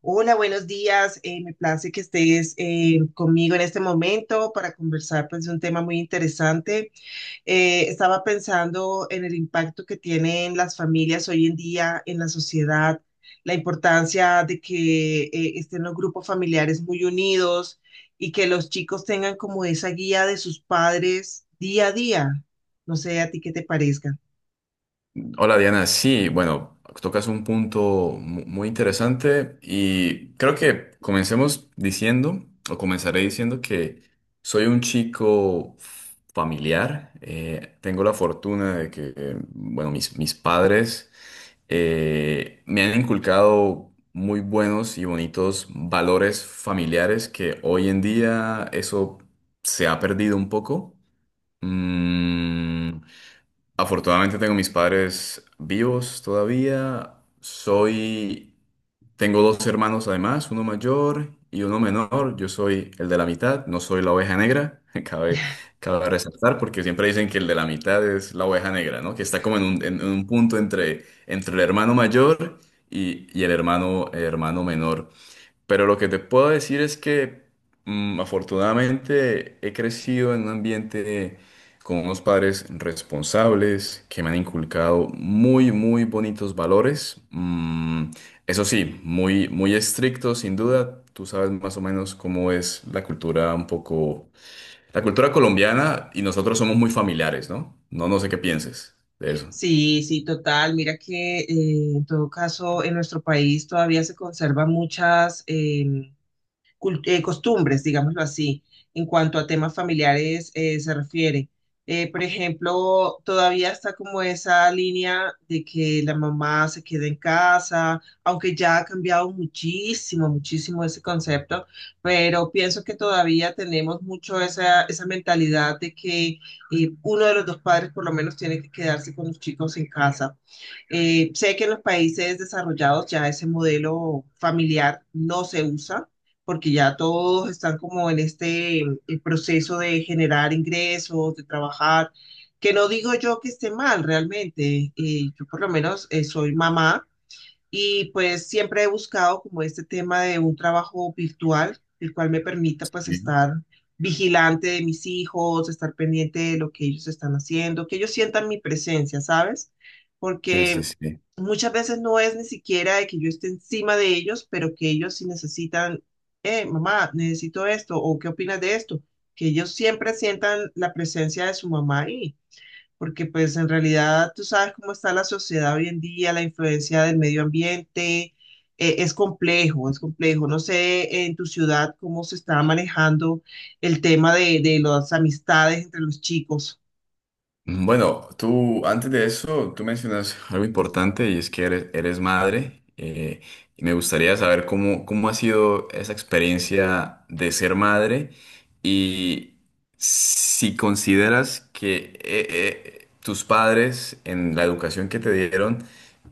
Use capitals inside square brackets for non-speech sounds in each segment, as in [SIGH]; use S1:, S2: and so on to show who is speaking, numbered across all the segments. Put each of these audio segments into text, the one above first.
S1: Hola, buenos días. Me place que estés conmigo en este momento para conversar, pues, de un tema muy interesante. Estaba pensando en el impacto que tienen las familias hoy en día en la sociedad, la importancia de que estén los grupos familiares muy unidos y que los chicos tengan como esa guía de sus padres día a día. No sé a ti qué te parezca.
S2: Hola Diana, sí, bueno, tocas un punto muy interesante y creo que comencemos diciendo, o comenzaré diciendo que soy un chico familiar. Tengo la fortuna de que, bueno, mis padres me han inculcado muy buenos y bonitos valores familiares que hoy en día eso se ha perdido un poco. Mm, Afortunadamente tengo mis padres vivos todavía. Soy, Tengo dos hermanos además, uno mayor y uno menor. Yo soy el de la mitad, no soy la oveja negra. [LAUGHS] Cabe resaltar porque siempre dicen que el de la mitad es la oveja negra, ¿no? Que está como en en un punto entre el hermano mayor y el hermano menor. Pero lo que te puedo decir es que afortunadamente he crecido en un ambiente con unos padres responsables que me han inculcado muy bonitos valores. Eso sí, muy estrictos, sin duda. Tú sabes más o menos cómo es la cultura un poco, la cultura colombiana y nosotros somos muy familiares, ¿no? No sé qué pienses de eso.
S1: Sí, sí, total. Mira que en todo caso en nuestro país todavía se conservan muchas costumbres, digámoslo así, en cuanto a temas familiares se refiere. Por ejemplo, todavía está como esa línea de que la mamá se quede en casa, aunque ya ha cambiado muchísimo, muchísimo ese concepto, pero pienso que todavía tenemos mucho esa mentalidad de que uno de los dos padres por lo menos tiene que quedarse con los chicos en casa. Sé que en los países desarrollados ya ese modelo familiar no se usa, porque ya todos están como en este el proceso de generar ingresos, de trabajar, que no digo yo que esté mal realmente. Yo por lo menos, soy mamá y pues siempre he buscado como este tema de un trabajo virtual, el cual me permita pues
S2: Sí,
S1: estar vigilante de mis hijos, estar pendiente de lo que ellos están haciendo, que ellos sientan mi presencia, ¿sabes?
S2: sí, sí.
S1: Porque
S2: Sí.
S1: muchas veces no es ni siquiera de que yo esté encima de ellos, pero que ellos sí necesitan, mamá, necesito esto, o qué opinas de esto, que ellos siempre sientan la presencia de su mamá ahí, porque pues en realidad tú sabes cómo está la sociedad hoy en día, la influencia del medio ambiente. Eh, es complejo, es complejo. No sé en tu ciudad cómo se está manejando el tema de las amistades entre los chicos.
S2: Bueno, tú antes de eso, tú mencionas algo importante y es que eres madre. Y me gustaría saber cómo ha sido esa experiencia de ser madre y si consideras que tus padres en la educación que te dieron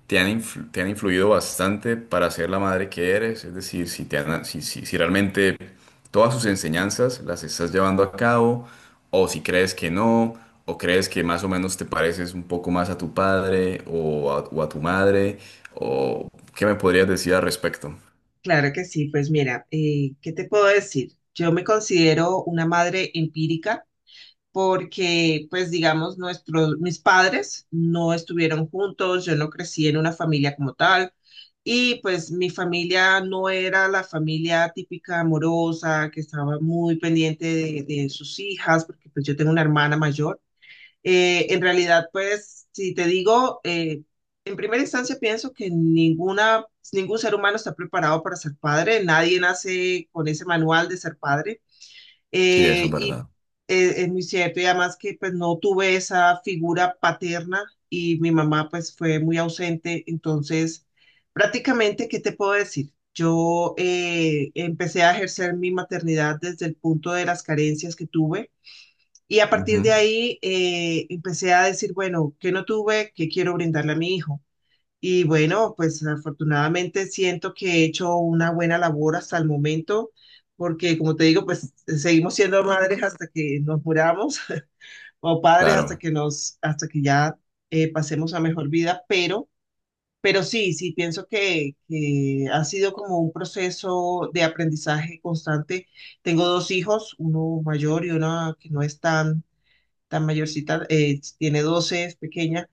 S2: te han, te han influido bastante para ser la madre que eres, es decir, te han, si realmente todas sus enseñanzas las estás llevando a cabo, o si crees que no, o crees que más o menos te pareces un poco más a tu padre o o a tu madre, o qué me podrías decir al respecto.
S1: Claro que sí. Pues mira, ¿qué te puedo decir? Yo me considero una madre empírica, porque, pues, digamos, mis padres no estuvieron juntos, yo no crecí en una familia como tal, y pues mi familia no era la familia típica amorosa, que estaba muy pendiente de sus hijas, porque pues yo tengo una hermana mayor. En realidad, pues, si te digo, en primera instancia pienso que ningún ser humano está preparado para ser padre, nadie nace con ese manual de ser padre.
S2: Sí, eso es
S1: Eh, y
S2: verdad.
S1: es muy cierto, y además que pues no tuve esa figura paterna y mi mamá pues fue muy ausente, entonces prácticamente, ¿qué te puedo decir? Yo empecé a ejercer mi maternidad desde el punto de las carencias que tuve, y a partir
S2: Ujú.
S1: de ahí empecé a decir, bueno, ¿qué no tuve? ¿Qué quiero brindarle a mi hijo? Y bueno, pues afortunadamente siento que he hecho una buena labor hasta el momento, porque como te digo, pues seguimos siendo madres hasta que nos muramos [LAUGHS] o padres hasta
S2: Claro.
S1: que hasta que ya pasemos a mejor vida, pero sí, sí pienso que ha sido como un proceso de aprendizaje constante. Tengo dos hijos, uno mayor y una que no es tan tan mayorcita. Eh, tiene 12, es pequeña.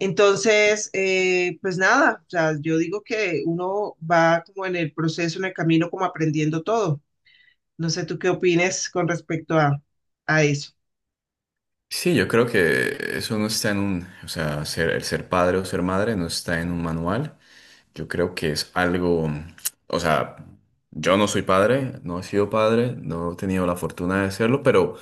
S1: Entonces, pues nada, o sea, yo digo que uno va como en el proceso, en el camino, como aprendiendo todo. No sé tú qué opines con respecto a eso.
S2: Sí, yo creo que eso no está en un, o sea, ser, el ser padre o ser madre no está en un manual. Yo creo que es algo, o sea, yo no soy padre, no he sido padre, no he tenido la fortuna de serlo, pero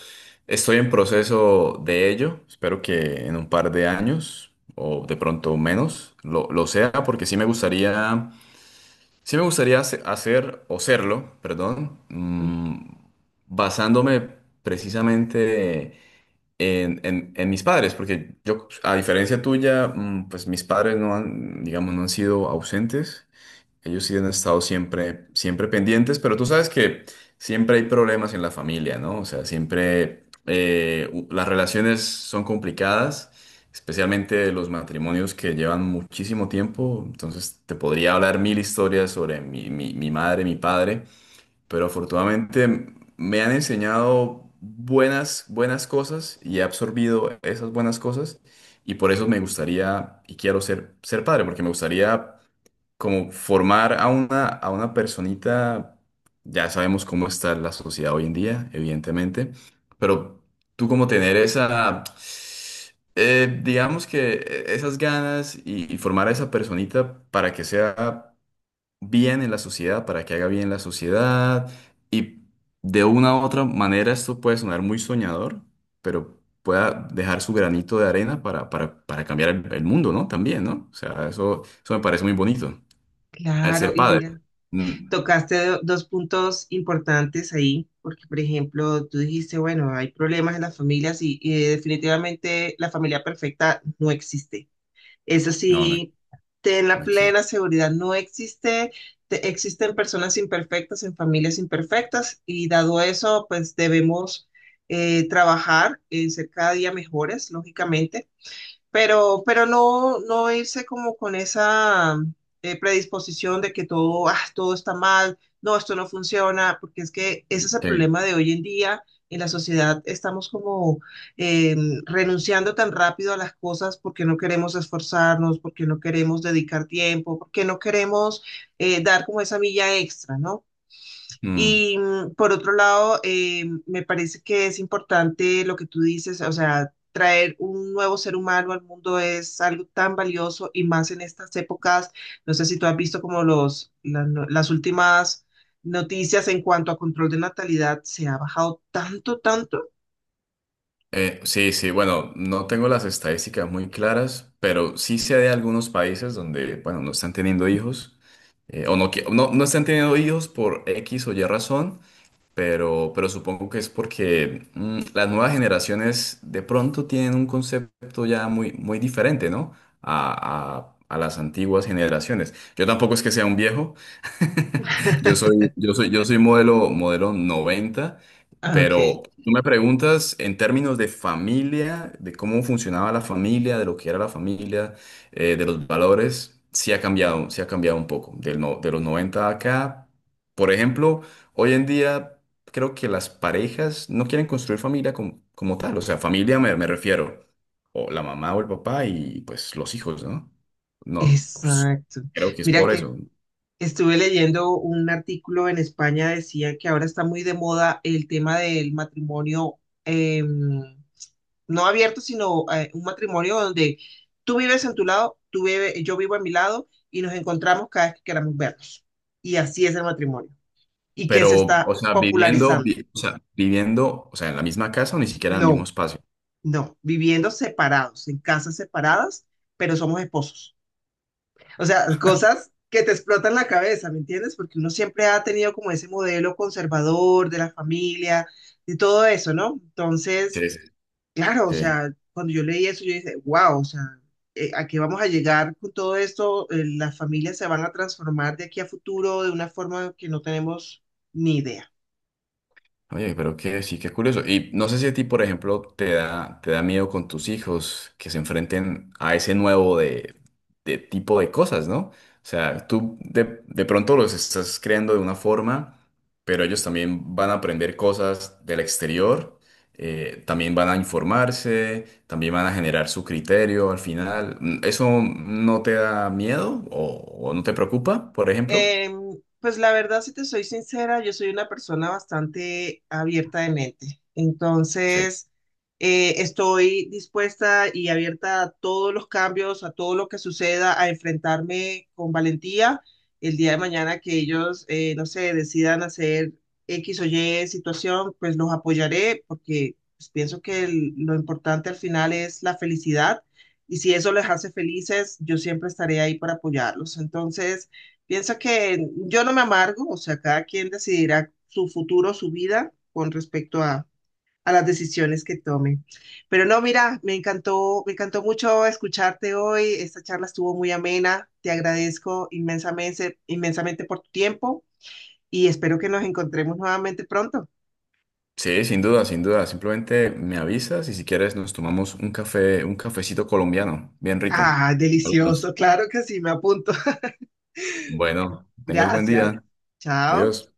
S2: estoy en proceso de ello. Espero que en un par de años o de pronto menos lo sea, porque sí me gustaría hacer o serlo, perdón,
S1: Mm.
S2: mm, basándome precisamente en, en mis padres, porque yo, a diferencia tuya, mm, pues mis padres no han, digamos, no han sido ausentes. Ellos sí han estado siempre pendientes, pero tú sabes que siempre hay problemas en la familia, ¿no? O sea, siempre las relaciones son complicadas, especialmente los matrimonios que llevan muchísimo tiempo. Entonces, te podría hablar mil historias sobre mi madre, mi padre, pero afortunadamente me han enseñado buenas cosas y he absorbido esas buenas cosas y por eso me gustaría y quiero ser padre, porque me gustaría como formar a a una personita, ya sabemos cómo está la sociedad hoy en día, evidentemente, pero tú como tener esa, digamos que esas ganas y formar a esa personita para que sea bien en la sociedad, para que haga bien la sociedad y de una u otra manera esto puede sonar muy soñador, pero pueda dejar su granito de arena para cambiar el mundo, ¿no? También, ¿no? O sea, eso me parece muy bonito. Al
S1: Claro,
S2: ser
S1: y
S2: padre.
S1: mira,
S2: Mm.
S1: tocaste dos puntos importantes ahí, porque por ejemplo, tú dijiste, bueno, hay problemas en las familias y definitivamente la familia perfecta no existe. Es
S2: No, no,
S1: así, ten la
S2: no existe.
S1: plena seguridad. No existe, existen personas imperfectas en familias imperfectas, y dado eso, pues debemos trabajar en ser cada día mejores, lógicamente, pero no, no irse como con esa predisposición de que todo, ah, todo está mal, no, esto no funciona, porque es que ese es el
S2: Sí.
S1: problema de hoy en día. En la sociedad estamos como eh, renunciando tan rápido a las cosas porque no queremos esforzarnos, porque no queremos dedicar tiempo, porque no queremos dar como esa milla extra, ¿no?
S2: Mm,
S1: Y por otro lado, me parece que es importante lo que tú dices, o sea, traer un nuevo ser humano al mundo es algo tan valioso y más en estas épocas. No sé si tú has visto como los, la- no- las últimas noticias en cuanto a control de natalidad, se ha bajado tanto, tanto.
S2: sí, sí, bueno, no tengo las estadísticas muy claras, pero sí sé de algunos países donde, bueno, no están teniendo hijos, o no, no están teniendo hijos por X o Y razón, pero supongo que es porque mm, las nuevas generaciones de pronto tienen un concepto ya muy diferente, ¿no? A las antiguas generaciones. Yo tampoco es que sea un viejo.
S1: [LAUGHS]
S2: Yo soy modelo noventa,
S1: Ah, ok,
S2: pero tú me preguntas en términos de familia, de cómo funcionaba la familia, de lo que era la familia, de los valores, sí ha cambiado un poco. Del de los 90 acá, por ejemplo, hoy en día creo que las parejas no quieren construir familia como tal, o sea, familia me refiero, o la mamá o el papá y pues los hijos, ¿no? No, pues,
S1: exacto.
S2: creo que es
S1: Mira
S2: por
S1: que
S2: eso.
S1: estuve leyendo un artículo en España, decía que ahora está muy de moda el tema del matrimonio. em, no abierto, sino, un matrimonio donde tú vives en tu lado, yo vivo a mi lado y nos encontramos cada vez que queramos vernos. Y así es el matrimonio. ¿Y qué se
S2: Pero, o
S1: está
S2: sea,
S1: popularizando?
S2: o sea, viviendo, o sea, en la misma casa o ni siquiera en el mismo
S1: No,
S2: espacio.
S1: no, viviendo separados, en casas separadas, pero somos esposos. O sea, cosas que te explotan la cabeza, ¿me entiendes? Porque uno siempre ha tenido como ese modelo conservador de la familia, de todo eso, ¿no? Entonces...
S2: Sí, sí.
S1: Claro, o
S2: Sí.
S1: sea, cuando yo leí eso, yo dije, wow, o sea, ¿a qué vamos a llegar con todo esto? Las familias se van a transformar de aquí a futuro de una forma que no tenemos ni idea.
S2: Oye, pero que sí, qué curioso. Y no sé si a ti, por ejemplo, te da miedo con tus hijos que se enfrenten a ese nuevo de tipo de cosas, ¿no? O sea, tú de pronto los estás creando de una forma, pero ellos también van a aprender cosas del exterior, también van a informarse, también van a generar su criterio al final. Mm, ¿eso no te da miedo o no te preocupa, por ejemplo?
S1: Em, pues la verdad, si te soy sincera, yo soy una persona bastante abierta de mente.
S2: Sí.
S1: Entonces, estoy dispuesta y abierta a todos los cambios, a todo lo que suceda, a enfrentarme con valentía el día de mañana que ellos, no sé, decidan hacer X o Y situación, pues los apoyaré porque pues, pienso que lo importante al final es la felicidad, y si eso les hace felices, yo siempre estaré ahí para apoyarlos. Entonces... Pienso que yo no me amargo, o sea, cada quien decidirá su futuro, su vida con respecto a las decisiones que tome. Pero no, mira, me encantó mucho escucharte hoy. Esta charla estuvo muy amena. Te agradezco inmensamente, inmensamente por tu tiempo y espero que nos encontremos nuevamente pronto.
S2: Sí, sin duda, sin duda. Simplemente me avisas y si quieres nos tomamos un café, un cafecito colombiano, bien rico.
S1: Ah,
S2: Hablamos.
S1: delicioso, claro que sí, me apunto. [LAUGHS]
S2: Bueno, tengas buen
S1: Gracias.
S2: día.
S1: Chao.
S2: Adiós.